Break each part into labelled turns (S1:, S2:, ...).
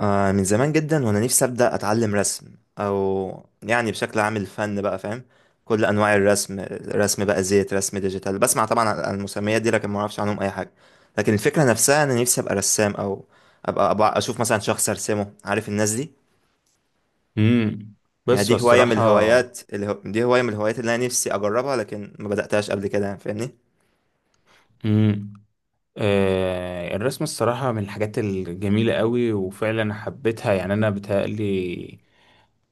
S1: آه، من زمان جدا وانا نفسي ابدا اتعلم رسم، او يعني بشكل عام الفن بقى فاهم كل انواع الرسم. رسم بقى زيت، رسم ديجيتال، بسمع طبعا عن المسميات دي لكن ما اعرفش عنهم اي حاجه. لكن الفكره نفسها انا نفسي ابقى رسام، او أبقى اشوف مثلا شخص ارسمه، عارف الناس دي.
S2: امم.
S1: يعني
S2: بس هو الصراحة.
S1: دي هوايه من الهوايات اللي انا نفسي اجربها، لكن ما بداتهاش قبل كده، يعني فاهمني؟
S2: امم. الرسم الصراحة من الحاجات الجميلة قوي وفعلا حبيتها، يعني أنا بتهيألي.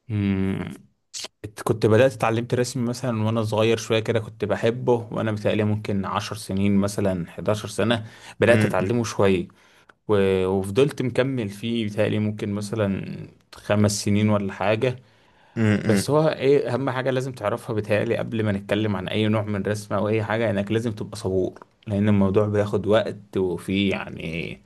S2: امم. كنت بدأت اتعلمت رسم مثلا وأنا صغير شوية كده، كنت بحبه وأنا بتهيألي ممكن 10 سنين مثلا، 11 سنة بدأت
S1: امم،
S2: أتعلمه شوية. وفضلت مكمل فيه بتهيألي ممكن مثلا 5 سنين ولا حاجة.
S1: امم،
S2: بس هو ايه اهم حاجه لازم تعرفها بتهيألي، قبل ما نتكلم عن اي نوع من الرسم او اي حاجه، انك لازم تبقى صبور، لان الموضوع بياخد وقت، وفي يعني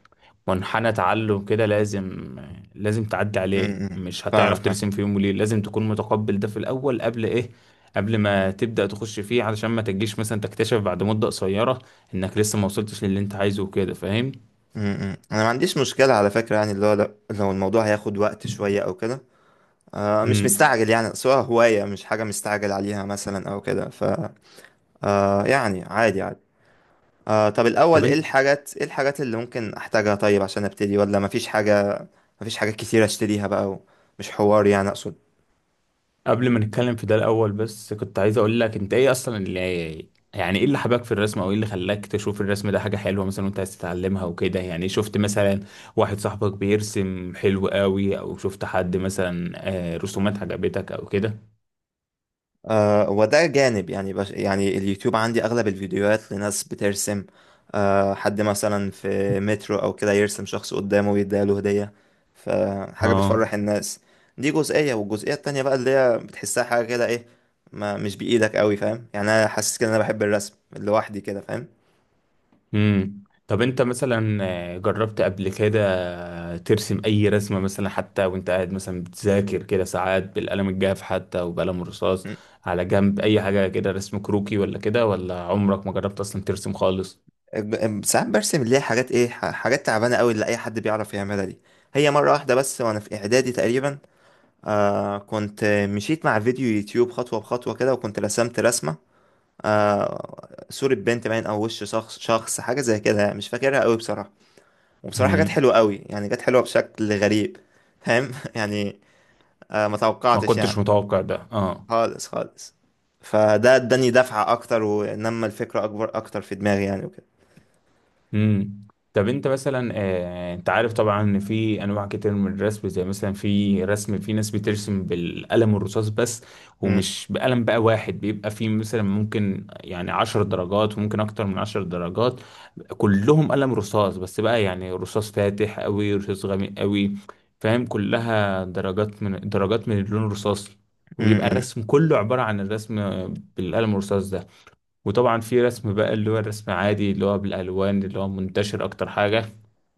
S2: منحنى تعلم كده لازم تعدي عليه،
S1: امم.
S2: مش
S1: فاهمك
S2: هتعرف
S1: فاهم.
S2: ترسم في يوم وليله. لازم تكون متقبل ده في الاول، قبل ايه؟ قبل ما تبدأ تخش فيه، علشان ما تجيش مثلا تكتشف بعد مدة قصيرة انك لسه ما وصلتش للي انت عايزه وكده، فاهم؟
S1: انا ما عنديش مشكله على فكره، يعني اللي هو لو الموضوع هياخد وقت شويه او كده. آه، مش
S2: امم.
S1: مستعجل يعني، سواء هواية مش حاجة مستعجل عليها مثلا أو كده ف. آه، يعني عادي عادي. آه، طب
S2: طب
S1: الأول
S2: انت،
S1: إيه الحاجات اللي ممكن أحتاجها، طيب عشان أبتدي، ولا مفيش حاجة؟ مفيش حاجات كتير أشتريها بقى، مش حوار يعني، أقصد.
S2: قبل ما نتكلم في ده الاول بس كنت عايز اقول لك، انت ايه اصلا اللي، يعني ايه اللي حباك في الرسم، او ايه اللي خلاك تشوف الرسم ده حاجة حلوة مثلا وانت عايز تتعلمها وكده؟ يعني شفت مثلا واحد صاحبك بيرسم حلو قوي، او شفت حد مثلا رسومات عجبتك او كده؟
S1: آه، وده جانب، يعني يعني اليوتيوب عندي أغلب الفيديوهات لناس بترسم. حد مثلا في مترو أو كده يرسم شخص قدامه ويديله هدية، فحاجة
S2: اه.
S1: بتفرح الناس. دي جزئية، والجزئية التانية بقى اللي هي بتحسها حاجة كده إيه، ما مش بإيدك قوي، فاهم؟ يعني أنا حاسس كده إن أنا بحب الرسم لوحدي كده، فاهم.
S2: امم. طب انت مثلا، جربت قبل كده ترسم اي رسمة مثلا، حتى وانت قاعد مثلا بتذاكر كده ساعات، بالقلم الجاف حتى، وبقلم الرصاص
S1: م.
S2: على جنب، اي حاجة كده رسم كروكي ولا كده، ولا عمرك ما جربت اصلا ترسم خالص؟
S1: ساعات برسم، اللي هي حاجات إيه، حاجات تعبانة قوي اللي أي حد بيعرف يعملها دي. هي مرة واحدة بس، وأنا في إعدادي تقريبا. كنت مشيت مع فيديو يوتيوب خطوة بخطوة كده وكنت رسمت رسمة. صورة بنت، باين، أو وش شخص، حاجة زي كده، يعني مش فاكرها قوي بصراحة. وبصراحة جت
S2: امم.
S1: حلوة قوي، يعني جت حلوة بشكل غريب. فاهم، يعني. آه، ما
S2: ما
S1: توقعتش يعني.
S2: كنتش متوقع ده، اه.
S1: خالص خالص. فده اداني دفعة أكتر ونمى الفكرة أكبر أكتر في دماغي يعني، وكده.
S2: امم. طب انت مثلا، انت عارف طبعا ان في انواع كتير من الرسم، زي مثلا في رسم، في ناس بترسم بالقلم الرصاص بس،
S1: مم،
S2: ومش بقلم بقى واحد، بيبقى في مثلا ممكن يعني 10 درجات، وممكن اكتر من 10 درجات، كلهم قلم رصاص بس بقى، يعني رصاص فاتح قوي رصاص غامق قوي، فاهم؟ كلها درجات، من درجات من اللون الرصاصي،
S1: مم،
S2: وبيبقى
S1: مم،
S2: الرسم كله عبارة عن الرسم بالقلم الرصاص ده. وطبعا في رسم بقى اللي هو الرسم عادي، اللي هو بالالوان، اللي هو منتشر اكتر حاجه.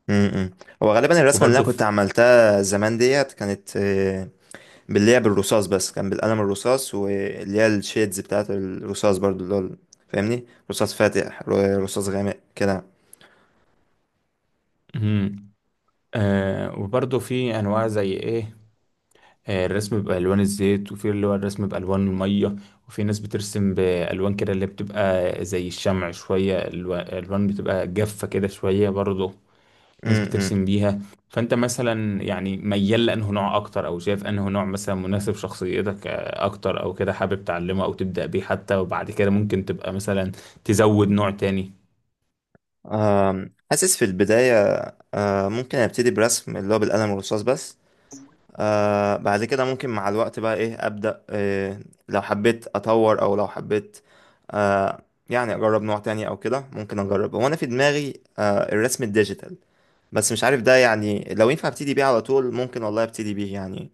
S1: مم، مم. هو غالبا الرسمة اللي
S2: وبرضه
S1: أنا كنت
S2: في.
S1: عملتها زمان ديت كانت، باللعب الرصاص بس، كان بالقلم الرصاص، واللي هي الشيدز بتاعت الرصاص برضو، اللي هو فاهمني، رصاص فاتح، رصاص غامق كده.
S2: مم. وبرضه في انواع، زي ايه؟ الرسم بالوان الزيت، وفي اللي هو الرسم بالوان الميه. وفي ناس بترسم بالوان كده اللي بتبقى زي الشمع شويه، الوان بتبقى جافه كده شويه برضه، ناس
S1: امم.
S2: بترسم بيها. فانت مثلا يعني ميال لانه نوع اكتر، او شايف انه نوع مثلا مناسب شخصيتك اكتر، او كده حابب تعلمه او تبدأ بيه، حتى وبعد كده ممكن تبقى مثلا تزود نوع تاني؟
S1: حاسس في البداية، ممكن ابتدي برسم اللي هو بالقلم الرصاص بس، بعد كده ممكن مع الوقت بقى ايه ابدأ، لو حبيت اطور او لو حبيت، آه، يعني اجرب نوع تاني او كده، ممكن اجرب، هو انا في دماغي الرسم الديجيتال. بس مش عارف ده، يعني لو ينفع ابتدي بيه على طول ممكن، والله ابتدي بيه يعني.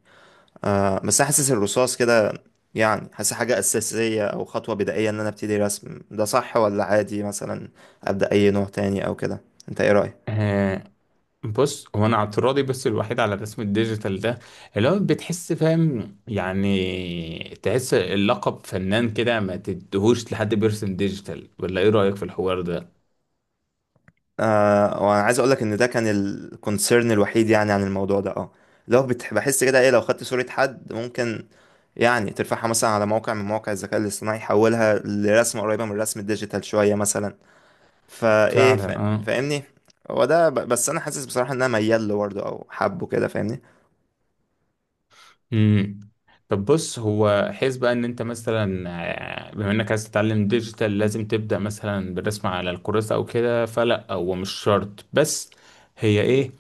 S1: بس أنا حاسس الرصاص كده، يعني حاسس حاجة أساسية أو خطوة بدائية إن أنا أبتدي رسم، ده صح ولا عادي مثلا أبدأ أي نوع تاني أو كده؟ أنت إيه رأيك؟
S2: آه. بص، هو انا اعتراضي بس الوحيد على الرسم الديجيتال ده، اللي هو بتحس فاهم، يعني تحس اللقب فنان كده ما تدهوش لحد بيرسم ديجيتال، ولا ايه رأيك في الحوار ده؟
S1: آه، وأنا عايز أقولك إن ده كان الكونسيرن الوحيد، يعني عن الموضوع ده، أه. لو بحس كده إيه، لو خدت صورة حد، ممكن يعني ترفعها مثلا على موقع من مواقع الذكاء الاصطناعي، يحولها لرسمة قريبة من الرسم الديجيتال شوية مثلا. فايه،
S2: فعلا اه.
S1: فاهمني. هو ده بس انا حاسس بصراحة ان انا ميال له برضه او حبه كده، فاهمني.
S2: امم. طب بص، هو حيث بقى ان انت مثلا، بما انك عايز تتعلم ديجيتال، لازم تبدأ مثلا بالرسم على الكراسة او كده؟ فلا، هو مش شرط، بس هي ايه،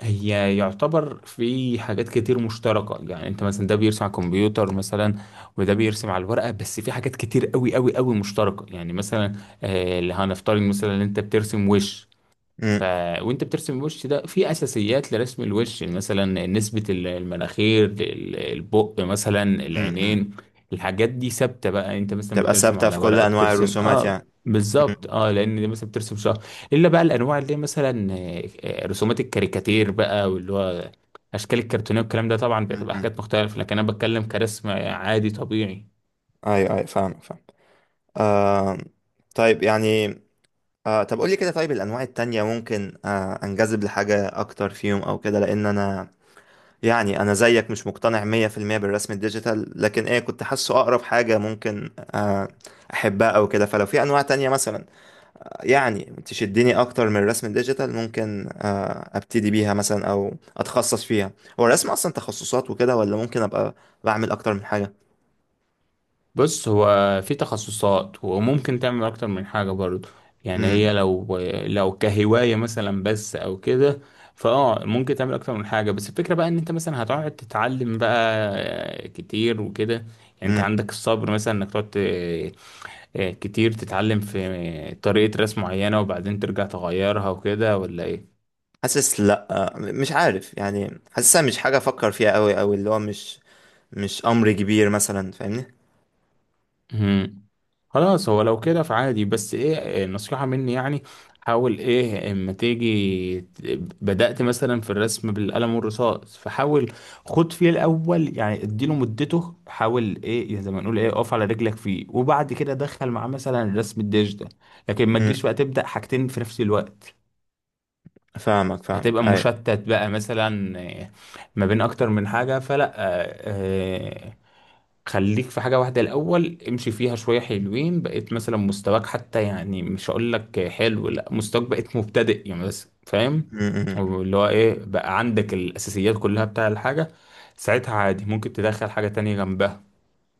S2: هي يعتبر في حاجات كتير مشتركة، يعني انت مثلا ده بيرسم على الكمبيوتر مثلا، وده بيرسم على الورقة، بس في حاجات كتير قوي قوي قوي مشتركة، يعني مثلا، اللي هنفترض مثلا ان انت بترسم وش، ف... وانت بترسم الوش ده، في اساسيات لرسم الوش، يعني مثلا نسبة المناخير، البق، مثلا
S1: امم.
S2: العينين، الحاجات دي ثابتة بقى، انت مثلا
S1: تبقى
S2: بترسم
S1: ثابتة
S2: على
S1: في كل
S2: ورقة
S1: أنواع
S2: بترسم،
S1: الرسومات
S2: اه.
S1: يعني. م-
S2: بالظبط، اه، لان دي مثلا بترسم شهر، الا بقى الانواع اللي هي مثلا، رسومات الكاريكاتير بقى، واللي هو اشكال الكرتونيه والكلام ده، طبعا
S1: م-
S2: بتبقى
S1: م.
S2: حاجات مختلفه، لكن انا بتكلم كرسم عادي طبيعي.
S1: أيوه، أيوه، فاهم، فاهم. آه طيب يعني، طب قولي كده، طيب الأنواع التانية ممكن أنجذب لحاجة أكتر فيهم أو كده، لأن أنا يعني، أنا زيك مش مقتنع 100% بالرسم الديجيتال، لكن إيه، كنت حاسه أقرب حاجة ممكن أحبها أو كده، فلو في أنواع تانية مثلا يعني تشدني أكتر من الرسم الديجيتال، ممكن أبتدي بيها مثلا، أو أتخصص فيها. هو الرسم أصلا تخصصات وكده، ولا ممكن أبقى بعمل أكتر من حاجة؟
S2: بص، هو في تخصصات، وممكن تعمل اكتر من حاجة برضه، يعني
S1: امم،
S2: هي لو، لو كهواية مثلا بس او كده، فاه ممكن تعمل اكتر من حاجة. بس الفكرة بقى ان انت مثلا هتقعد تتعلم بقى كتير وكده، يعني انت
S1: امم.
S2: عندك الصبر مثلا انك تقعد كتير تتعلم في طريقة رسم معينة، وبعدين ترجع تغيرها وكده، ولا ايه؟
S1: حاسس، لا مش عارف يعني، حاسسها مش حاجه افكر فيها قوي، او اللي هو مش امر كبير مثلا، فاهمني.
S2: مم. خلاص، هو لو كده فعادي، بس ايه نصيحة مني يعني، حاول ايه اما تيجي بدأت مثلا في الرسم بالقلم والرصاص، فحاول خد فيه الاول، يعني اديله مدته، حاول ايه يعني زي ما نقول ايه اقف على رجلك فيه، وبعد كده دخل معاه مثلا الرسم الديجيتال، لكن ما تجيش
S1: امم.
S2: بقى تبدأ حاجتين في نفس الوقت،
S1: فاهمك، فاهمك،
S2: هتبقى
S1: ايوه.
S2: مشتت بقى مثلا، ما بين اكتر من حاجة. فلا، آه، خليك في حاجة واحدة الأول، امشي فيها شوية، حلوين بقيت مثلا مستواك حتى، يعني مش هقول لك حلو لا، مستواك بقيت مبتدئ يعني، بس فاهم،
S1: امم، أمم.
S2: اللي هو ايه بقى عندك الأساسيات كلها بتاع الحاجة، ساعتها عادي ممكن تدخل حاجة تانية جنبها.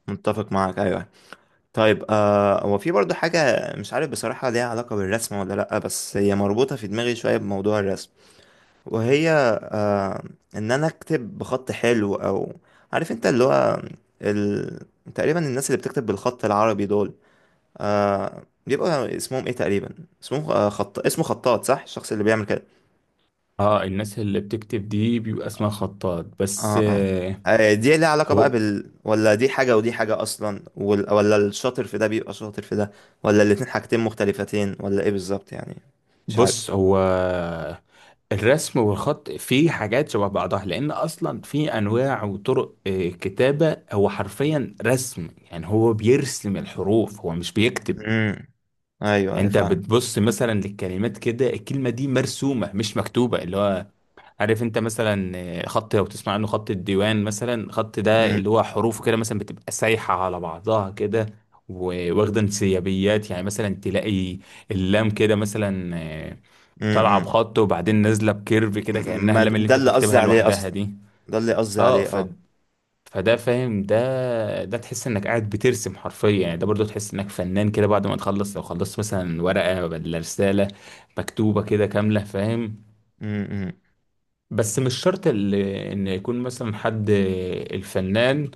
S1: متفق معاك، ايوه. طيب، هو في برضو حاجه، مش عارف بصراحه ليها علاقه بالرسم ولا لا، بس هي مربوطه في دماغي شويه بموضوع الرسم، وهي آه ان انا اكتب بخط حلو، او عارف انت، اللي هو ال... تقريبا الناس اللي بتكتب بالخط العربي دول، بيبقى اسمهم ايه تقريبا، اسمهم خط اسمه خطاط، صح؟ الشخص اللي بيعمل كده.
S2: اه، الناس اللي بتكتب دي بيبقى اسمها خطاط بس،
S1: اه، اه. دي ليها علاقة بقى
S2: هو
S1: بال، ولا دي حاجة ودي حاجة أصلا، ولا الشاطر في ده بيبقى شاطر في ده، ولا الاتنين حاجتين مختلفتين، ولا إيه بالظبط يعني؟ مش عارف.
S2: بص، هو الرسم والخط فيه حاجات شبه بعضها، لان اصلا في انواع وطرق كتابة، هو حرفيا رسم يعني، هو بيرسم الحروف هو مش بيكتب.
S1: امم. أيوه، أيوه،
S2: انت
S1: فاهم.
S2: بتبص مثلا للكلمات كده، الكلمة دي مرسومة مش مكتوبة، اللي هو عارف انت مثلا، خط لو تسمع عنه خط الديوان مثلا، خط ده
S1: امم،
S2: اللي هو حروفه كده مثلا بتبقى سايحة على بعضها كده، وواخدة انسيابيات، يعني مثلا تلاقي اللام كده مثلا، طالعه
S1: امم.
S2: بخط وبعدين نازله بكيرف كده، كانها
S1: ما
S2: اللام اللي
S1: ده
S2: انت
S1: اللي قصدي
S2: بتكتبها
S1: عليه
S2: لوحدها
S1: أصلا،
S2: دي.
S1: ده اللي قصدي
S2: اه،
S1: عليه،
S2: ف،
S1: اه.
S2: فده فاهم، ده تحس انك قاعد بترسم حرفيا يعني. ده برضو تحس انك فنان كده بعد ما تخلص، لو خلصت مثلا ورقه ولا رساله مكتوبه كده كامله، فاهم؟
S1: امم.
S2: بس مش شرط ان يكون مثلا حد الفنان،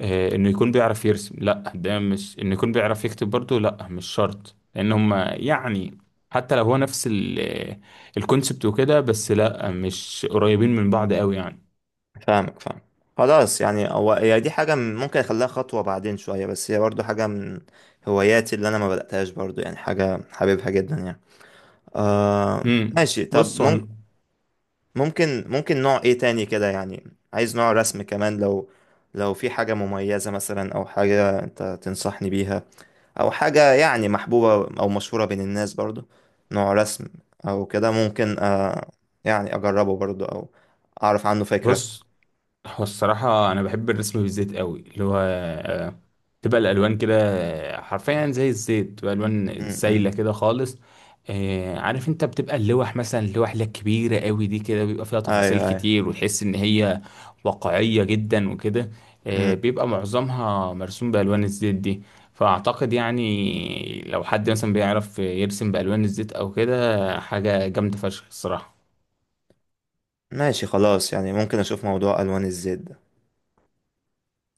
S2: انه يكون بيعرف يرسم، لا، ده مش انه يكون بيعرف يكتب برضه، لا مش شرط، لان هم يعني حتى لو هو نفس الكونسبت وكده، بس لا مش قريبين من بعض قوي يعني.
S1: فاهمك فاهم. خلاص يعني، هو هي دي حاجة ممكن أخليها خطوة بعدين شوية، بس هي برضو حاجة من هواياتي اللي أنا ما بدأتهاش برضو، يعني حاجة حاببها جدا يعني. آه.
S2: امم.
S1: ماشي، طب
S2: بص هو أنا-
S1: ممكن نوع إيه تاني كده، يعني عايز نوع رسم كمان، لو في حاجة مميزة مثلا أو حاجة أنت تنصحني بيها، أو حاجة يعني محبوبة أو مشهورة بين الناس برضو، نوع رسم أو كده، ممكن يعني أجربه برضو، أو أعرف عنه فكرة.
S2: بص هو الصراحة أنا بحب الرسم بالزيت قوي، اللي هو تبقى الألوان كده، حرفيا زي الزيت، تبقى
S1: م
S2: ألوان
S1: -م.
S2: سايلة كده خالص. عارف أنت بتبقى اللوح مثلا، اللوح اللي هي كبيرة قوي دي كده، بيبقى فيها تفاصيل
S1: أيوه، أيوه،
S2: كتير وتحس إن هي واقعية جدا وكده،
S1: مم.
S2: بيبقى معظمها مرسوم بألوان الزيت دي. فأعتقد يعني لو حد مثلا بيعرف يرسم بألوان الزيت أو كده، حاجة جامدة فشخ الصراحة.
S1: ماشي، خلاص يعني، ممكن اشوف موضوع الوان الزيت ده.